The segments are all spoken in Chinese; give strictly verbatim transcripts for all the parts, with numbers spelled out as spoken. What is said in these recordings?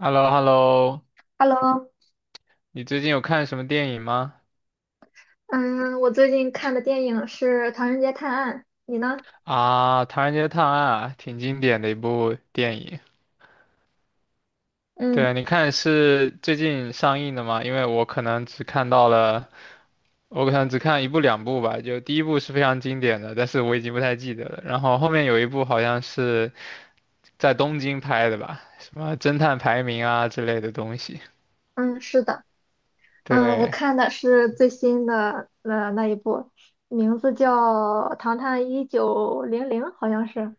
h e l l o h e l l o Hello，你最近有看什么电影吗？嗯，我最近看的电影是《唐人街探案》，你呢？啊，《唐人街探案》啊，挺经典的一部电影。对，嗯，你看是最近上映的吗？因为我可能只看到了，我可能只看一部两部吧。就第一部是非常经典的，但是我已经不太记得了。然后后面有一部好像是在东京拍的吧，什么侦探排名啊之类的东西。嗯，是的，嗯，我对看的是最新的那那一部，名字叫《唐探一九零零》，好像是。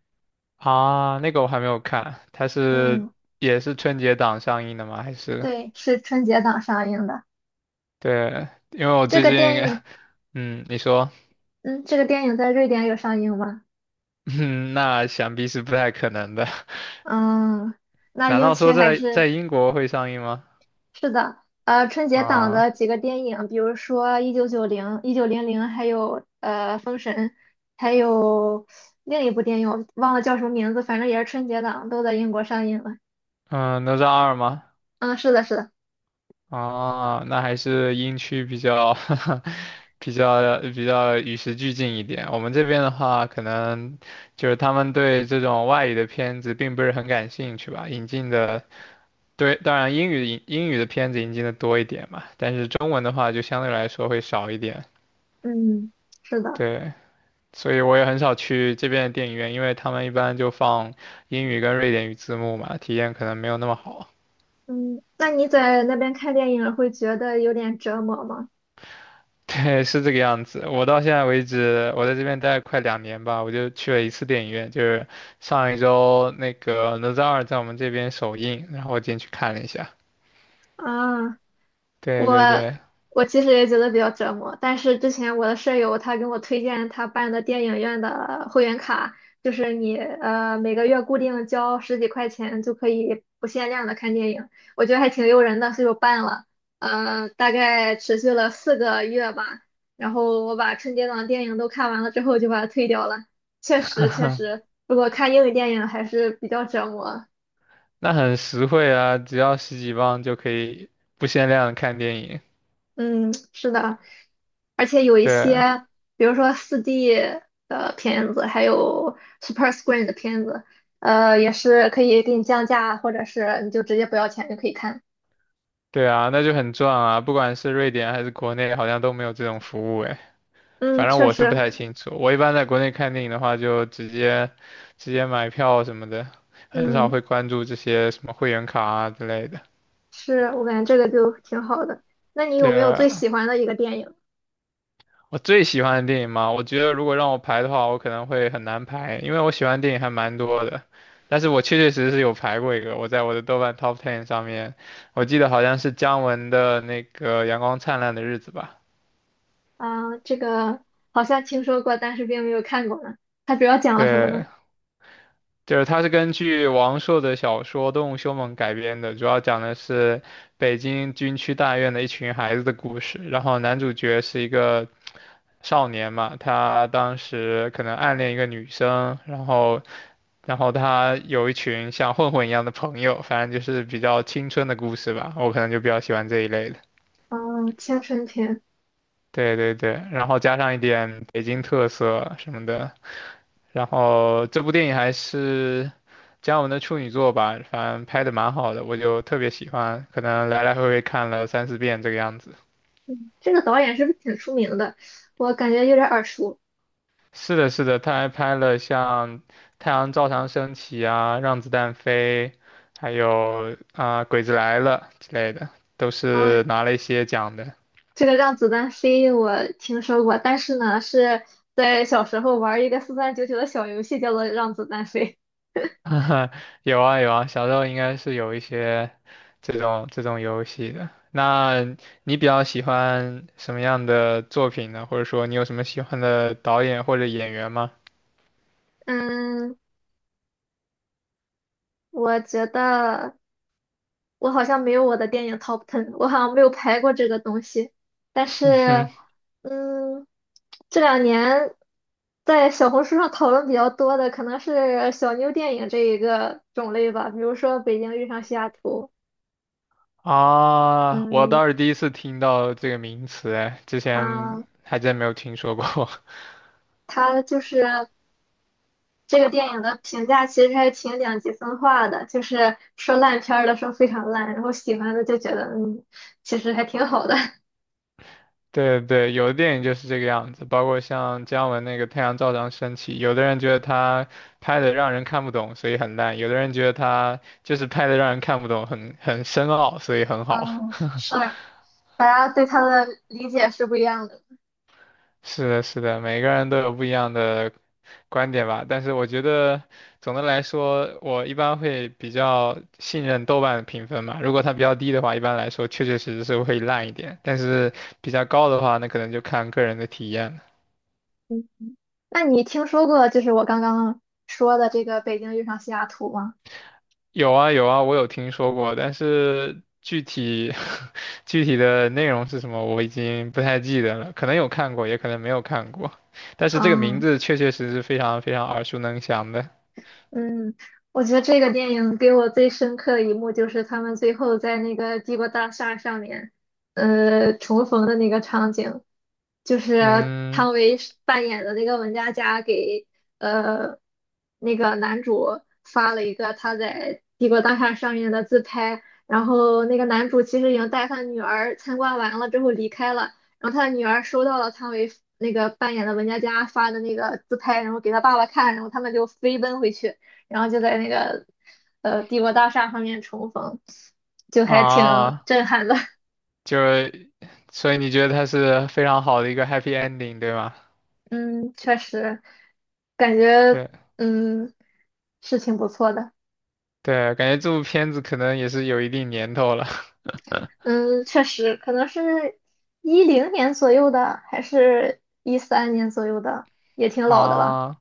啊，那个我还没有看，它是嗯，也是春节档上映的吗？还是？对，是春节档上映的。对，因为我这最个近 电影，嗯，你说，嗯，这个电影在瑞典有上映吗？嗯，那想必是不太可能的。嗯，那难英道说区还在是？在英国会上映吗？是的。呃，春节档啊，的几个电影，比如说《一九九零》《一九零零》，还有呃《封神》，还有另一部电影，我忘了叫什么名字，反正也是春节档，都在英国上映了。嗯，哪吒二吗？嗯，是的，是的，啊，那还是英区比较 比较比较与时俱进一点。我们这边的话，可能就是他们对这种外语的片子并不是很感兴趣吧，引进的。对，当然英语英语的片子引进的多一点嘛，但是中文的话就相对来说会少一点。嗯，是的。对，所以我也很少去这边的电影院，因为他们一般就放英语跟瑞典语字幕嘛，体验可能没有那么好。嗯，那你在那边看电影会觉得有点折磨吗？对，是这个样子。我到现在为止，我在这边待快两年吧，我就去了一次电影院，就是上一周那个《哪吒二》在我们这边首映，然后我进去看了一下。啊，对我对对，我其实也觉得比较折磨，但是之前我的舍友他给我推荐他办的电影院的会员卡，就是你呃每个月固定交十几块钱就可以不限量的看电影，我觉得还挺诱人的，所以我办了。呃，大概持续了四个月吧，然后我把春节档的电影都看完了之后就把它退掉了。确实确 实，如果看英语电影还是比较折磨。那很实惠啊，只要十几磅就可以不限量地看电影。嗯，是的。而且有一对些，比如说四 d 的片子，还有 Super Screen 的片子，呃，也是可以给你降价，或者是你就直接不要钱就可以看。对啊，那就很赚啊，不管是瑞典还是国内，好像都没有这种服务。嗯，反正确我是不实。太清楚。我一般在国内看电影的话，就直接直接买票什么的，很少嗯，会关注这些什么会员卡啊之类的。是我感觉这个就挺好的。那你有对没有最啊，喜欢的一个电影？我最喜欢的电影嘛，我觉得如果让我排的话，我可能会很难排，因为我喜欢电影还蛮多的。但是我确确实实有排过一个，我在我的豆瓣 Top Ten 上面，我记得好像是姜文的那个《阳光灿烂的日子》吧。啊，这个好像听说过，但是并没有看过呢。它主要讲了什么呢？对，就是它是根据王朔的小说《动物凶猛》改编的，主要讲的是北京军区大院的一群孩子的故事。然后男主角是一个少年嘛，他当时可能暗恋一个女生，然后然后他有一群像混混一样的朋友，反正就是比较青春的故事吧。我可能就比较喜欢这一类的。嗯，青春片。对对对，然后加上一点北京特色什么的，然后这部电影还是姜文的处女作吧，反正拍的蛮好的，我就特别喜欢，可能来来回回看了三四遍这个样子。这个导演是不是挺出名的？我感觉有点耳熟。是的，是的，他还拍了像《太阳照常升起》啊，《让子弹飞》，还有啊、鬼子来了》之类的，都啊。是拿了一些奖的。这个让子弹飞我听说过，但是呢，是在小时候玩一个四三九九的小游戏，叫做让子弹飞。哈哈，有啊有啊，小时候应该是有一些这种这种游戏的。那你比较喜欢什么样的作品呢？或者说你有什么喜欢的导演或者演员吗？嗯，我觉得我好像没有我的电影 top ten，我好像没有排过这个东西。但 嗯哼是，嗯，这两年在小红书上讨论比较多的，可能是小妞电影这一个种类吧，比如说《北京遇上西雅图》。啊，我嗯倒是第一次听到这个名词，哎，之前啊，还真没有听说过。它就是。这个电影的评价其实还挺两极分化的，就是说烂片儿的说非常烂，然后喜欢的就觉得嗯，其实还挺好的。对对，有的电影就是这个样子，包括像姜文那个《太阳照常升起》，有的人觉得他拍的让人看不懂，所以很烂；有的人觉得他就是拍的让人看不懂，很很深奥，所以很好。嗯 是，嗯大家对它的理解是不一样的。是的，是的，每个人都有不一样的观点吧。但是我觉得总的来说，我一般会比较信任豆瓣的评分嘛。如果它比较低的话，一般来说确确实实是会烂一点；但是比较高的话，那可能就看个人的体验了。嗯，那你听说过就是我刚刚说的这个《北京遇上西雅图》吗？有啊有啊，我有听说过，但是具体 具体的内容是什么，我已经不太记得了，可能有看过，也可能没有看过，但是这个名嗯字确确实实非常非常耳熟能详的。嗯，我觉得这个电影给我最深刻的一幕就是他们最后在那个帝国大厦上面，呃，重逢的那个场景。就是嗯汤唯饰扮演的那个文佳佳给呃那个男主发了一个他在帝国大厦上面的自拍，然后那个男主其实已经带他女儿参观完了之后离开了，然后他的女儿收到了汤唯那个扮演的文佳佳发的那个自拍，然后给他爸爸看，然后他们就飞奔回去，然后就在那个呃帝国大厦上面重逢，就还挺啊，震撼的。就是所以你觉得它是非常好的一个 happy ending，对吗？嗯，确实感觉。对嗯，是挺不错的。对，感觉这部片子可能也是有一定年头了。 嗯，确实，可能是一零年左右的，还是一三年左右的，也挺 老的了。啊。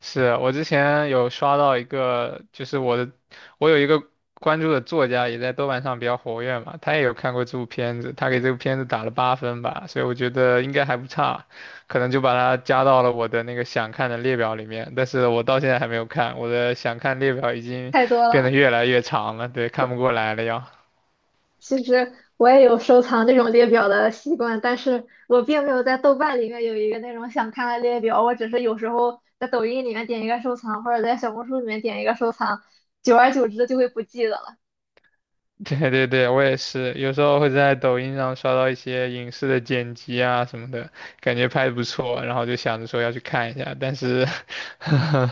是我之前有刷到一个，就是我的，我有一个关注的作家也在豆瓣上比较活跃嘛，他也有看过这部片子，他给这部片子打了八分吧，所以我觉得应该还不差，可能就把它加到了我的那个想看的列表里面，但是我到现在还没有看，我的想看列表已经太多变得了。越来越长了，对，看不过来了要。其实我也有收藏这种列表的习惯，但是我并没有在豆瓣里面有一个那种想看的列表，我只是有时候在抖音里面点一个收藏，或者在小红书里面点一个收藏，久而久之就会不记得了。对对对，我也是，有时候会在抖音上刷到一些影视的剪辑啊什么的，感觉拍的不错，然后就想着说要去看一下，但是，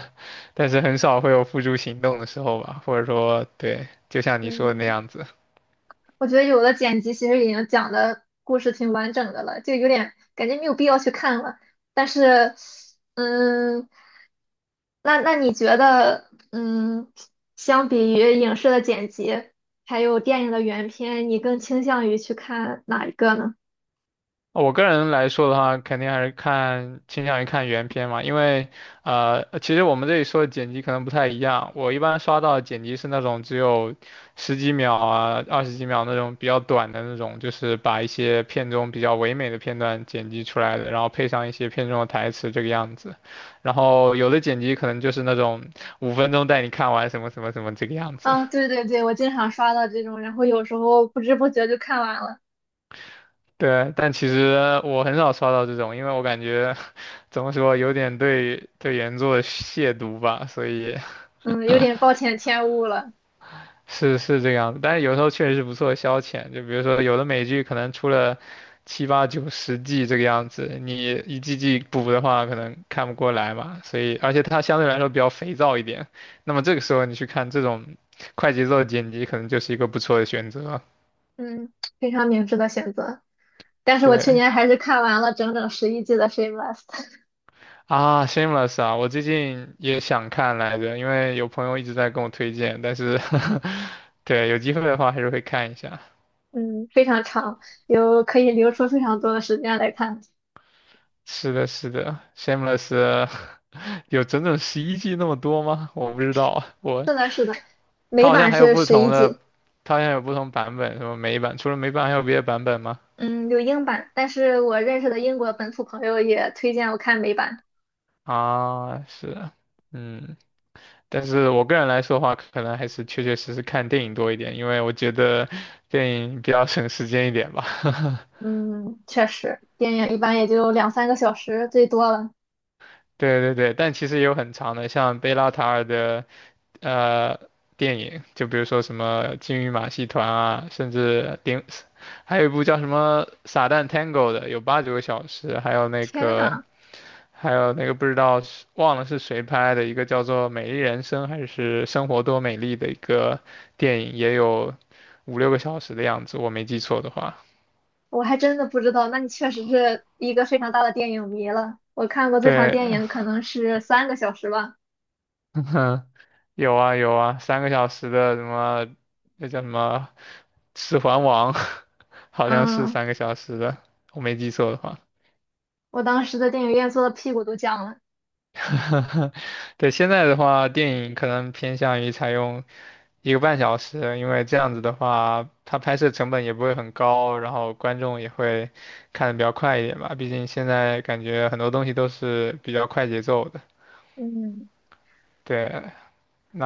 但是很少会有付诸行动的时候吧，或者说，对，就像你说的那嗯，样子。我觉得有的剪辑其实已经讲的故事挺完整的了，就有点感觉没有必要去看了。但是，嗯，那那你觉得，嗯，相比于影视的剪辑，还有电影的原片，你更倾向于去看哪一个呢？我个人来说的话，肯定还是看倾向于看原片嘛，因为呃，其实我们这里说的剪辑可能不太一样。我一般刷到的剪辑是那种只有十几秒啊、二十几秒那种比较短的那种，就是把一些片中比较唯美的片段剪辑出来的，然后配上一些片中的台词这个样子。然后有的剪辑可能就是那种五分钟带你看完什么什么什么这个样子。啊，对对对，我经常刷到这种，然后有时候不知不觉就看完了。对，但其实我很少刷到这种，因为我感觉 怎么说，有点对对原作亵渎吧，所以 嗯，有点暴殄天物了。是是这个样子。但是有时候确实是不错的消遣，就比如说有的美剧可能出了七八九十季这个样子，你一季季补的话，可能看不过来嘛。所以，而且它相对来说比较肥皂一点，那么这个时候你去看这种快节奏的剪辑，可能就是一个不错的选择。嗯，非常明智的选择。但是我去对，年还是看完了整整十一季的《Shameless》。啊，Shameless 啊，我最近也想看来着，因为有朋友一直在跟我推荐，但是 对，有机会的话还是会看一下。嗯，非常长，有可以留出非常多的时间来看。是的，是的，Shameless 有整整十一季那么多吗？我不知道，我是的，是的，它美好像版还有是不十同一的，集，它好像有不同版本，什么美版，除了美版还有别的版本吗？嗯，有英版，但是我认识的英国本土朋友也推荐我看美版。啊，是的，嗯，但是我个人来说的话，可能还是确确实实看电影多一点，因为我觉得电影比较省时间一点吧。嗯，确实，电影一般也就两三个小时最多了。对对对，但其实也有很长的，像贝拉塔尔的呃电影，就比如说什么《金鱼马戏团》啊，甚至顶，还有一部叫什么《撒旦 Tango》的，有八九个小时，还有那天个，呐，还有那个不知道是忘了是谁拍的一个叫做《美丽人生》还是《生活多美丽》的一个电影，也有五六个小时的样子，我没记错的话。我还真的不知道，那你确实是一个非常大的电影迷了。我看过最长对，电影可能是三个小时吧。有啊有啊，三个小时的什么，那叫什么《指环王》，好像是嗯，三个小时的，我没记错的话。我当时在电影院坐的屁股都僵了。对，现在的话，电影可能偏向于采用一个半小时，因为这样子的话，它拍摄成本也不会很高，然后观众也会看得比较快一点吧。毕竟现在感觉很多东西都是比较快节奏的。嗯，对，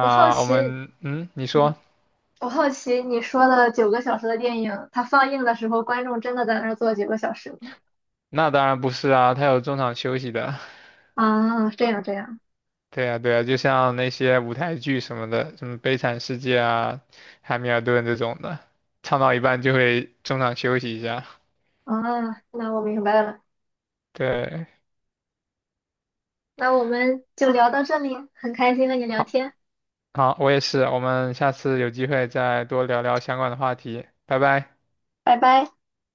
我好我奇。们，嗯，你嗯说，我好奇你说的九个小时的电影，它放映的时候，观众真的在那儿坐九个小时吗？那当然不是啊，它有中场休息的。啊，这样这样。对呀，对呀，就像那些舞台剧什么的，什么《悲惨世界》啊、《汉密尔顿》这种的，唱到一半就会中场休息一下。啊，那我明白了。对，那我们就聊到这里，很开心和你聊好，天，好，我也是，我们下次有机会再多聊聊相关的话题，拜拜。拜拜。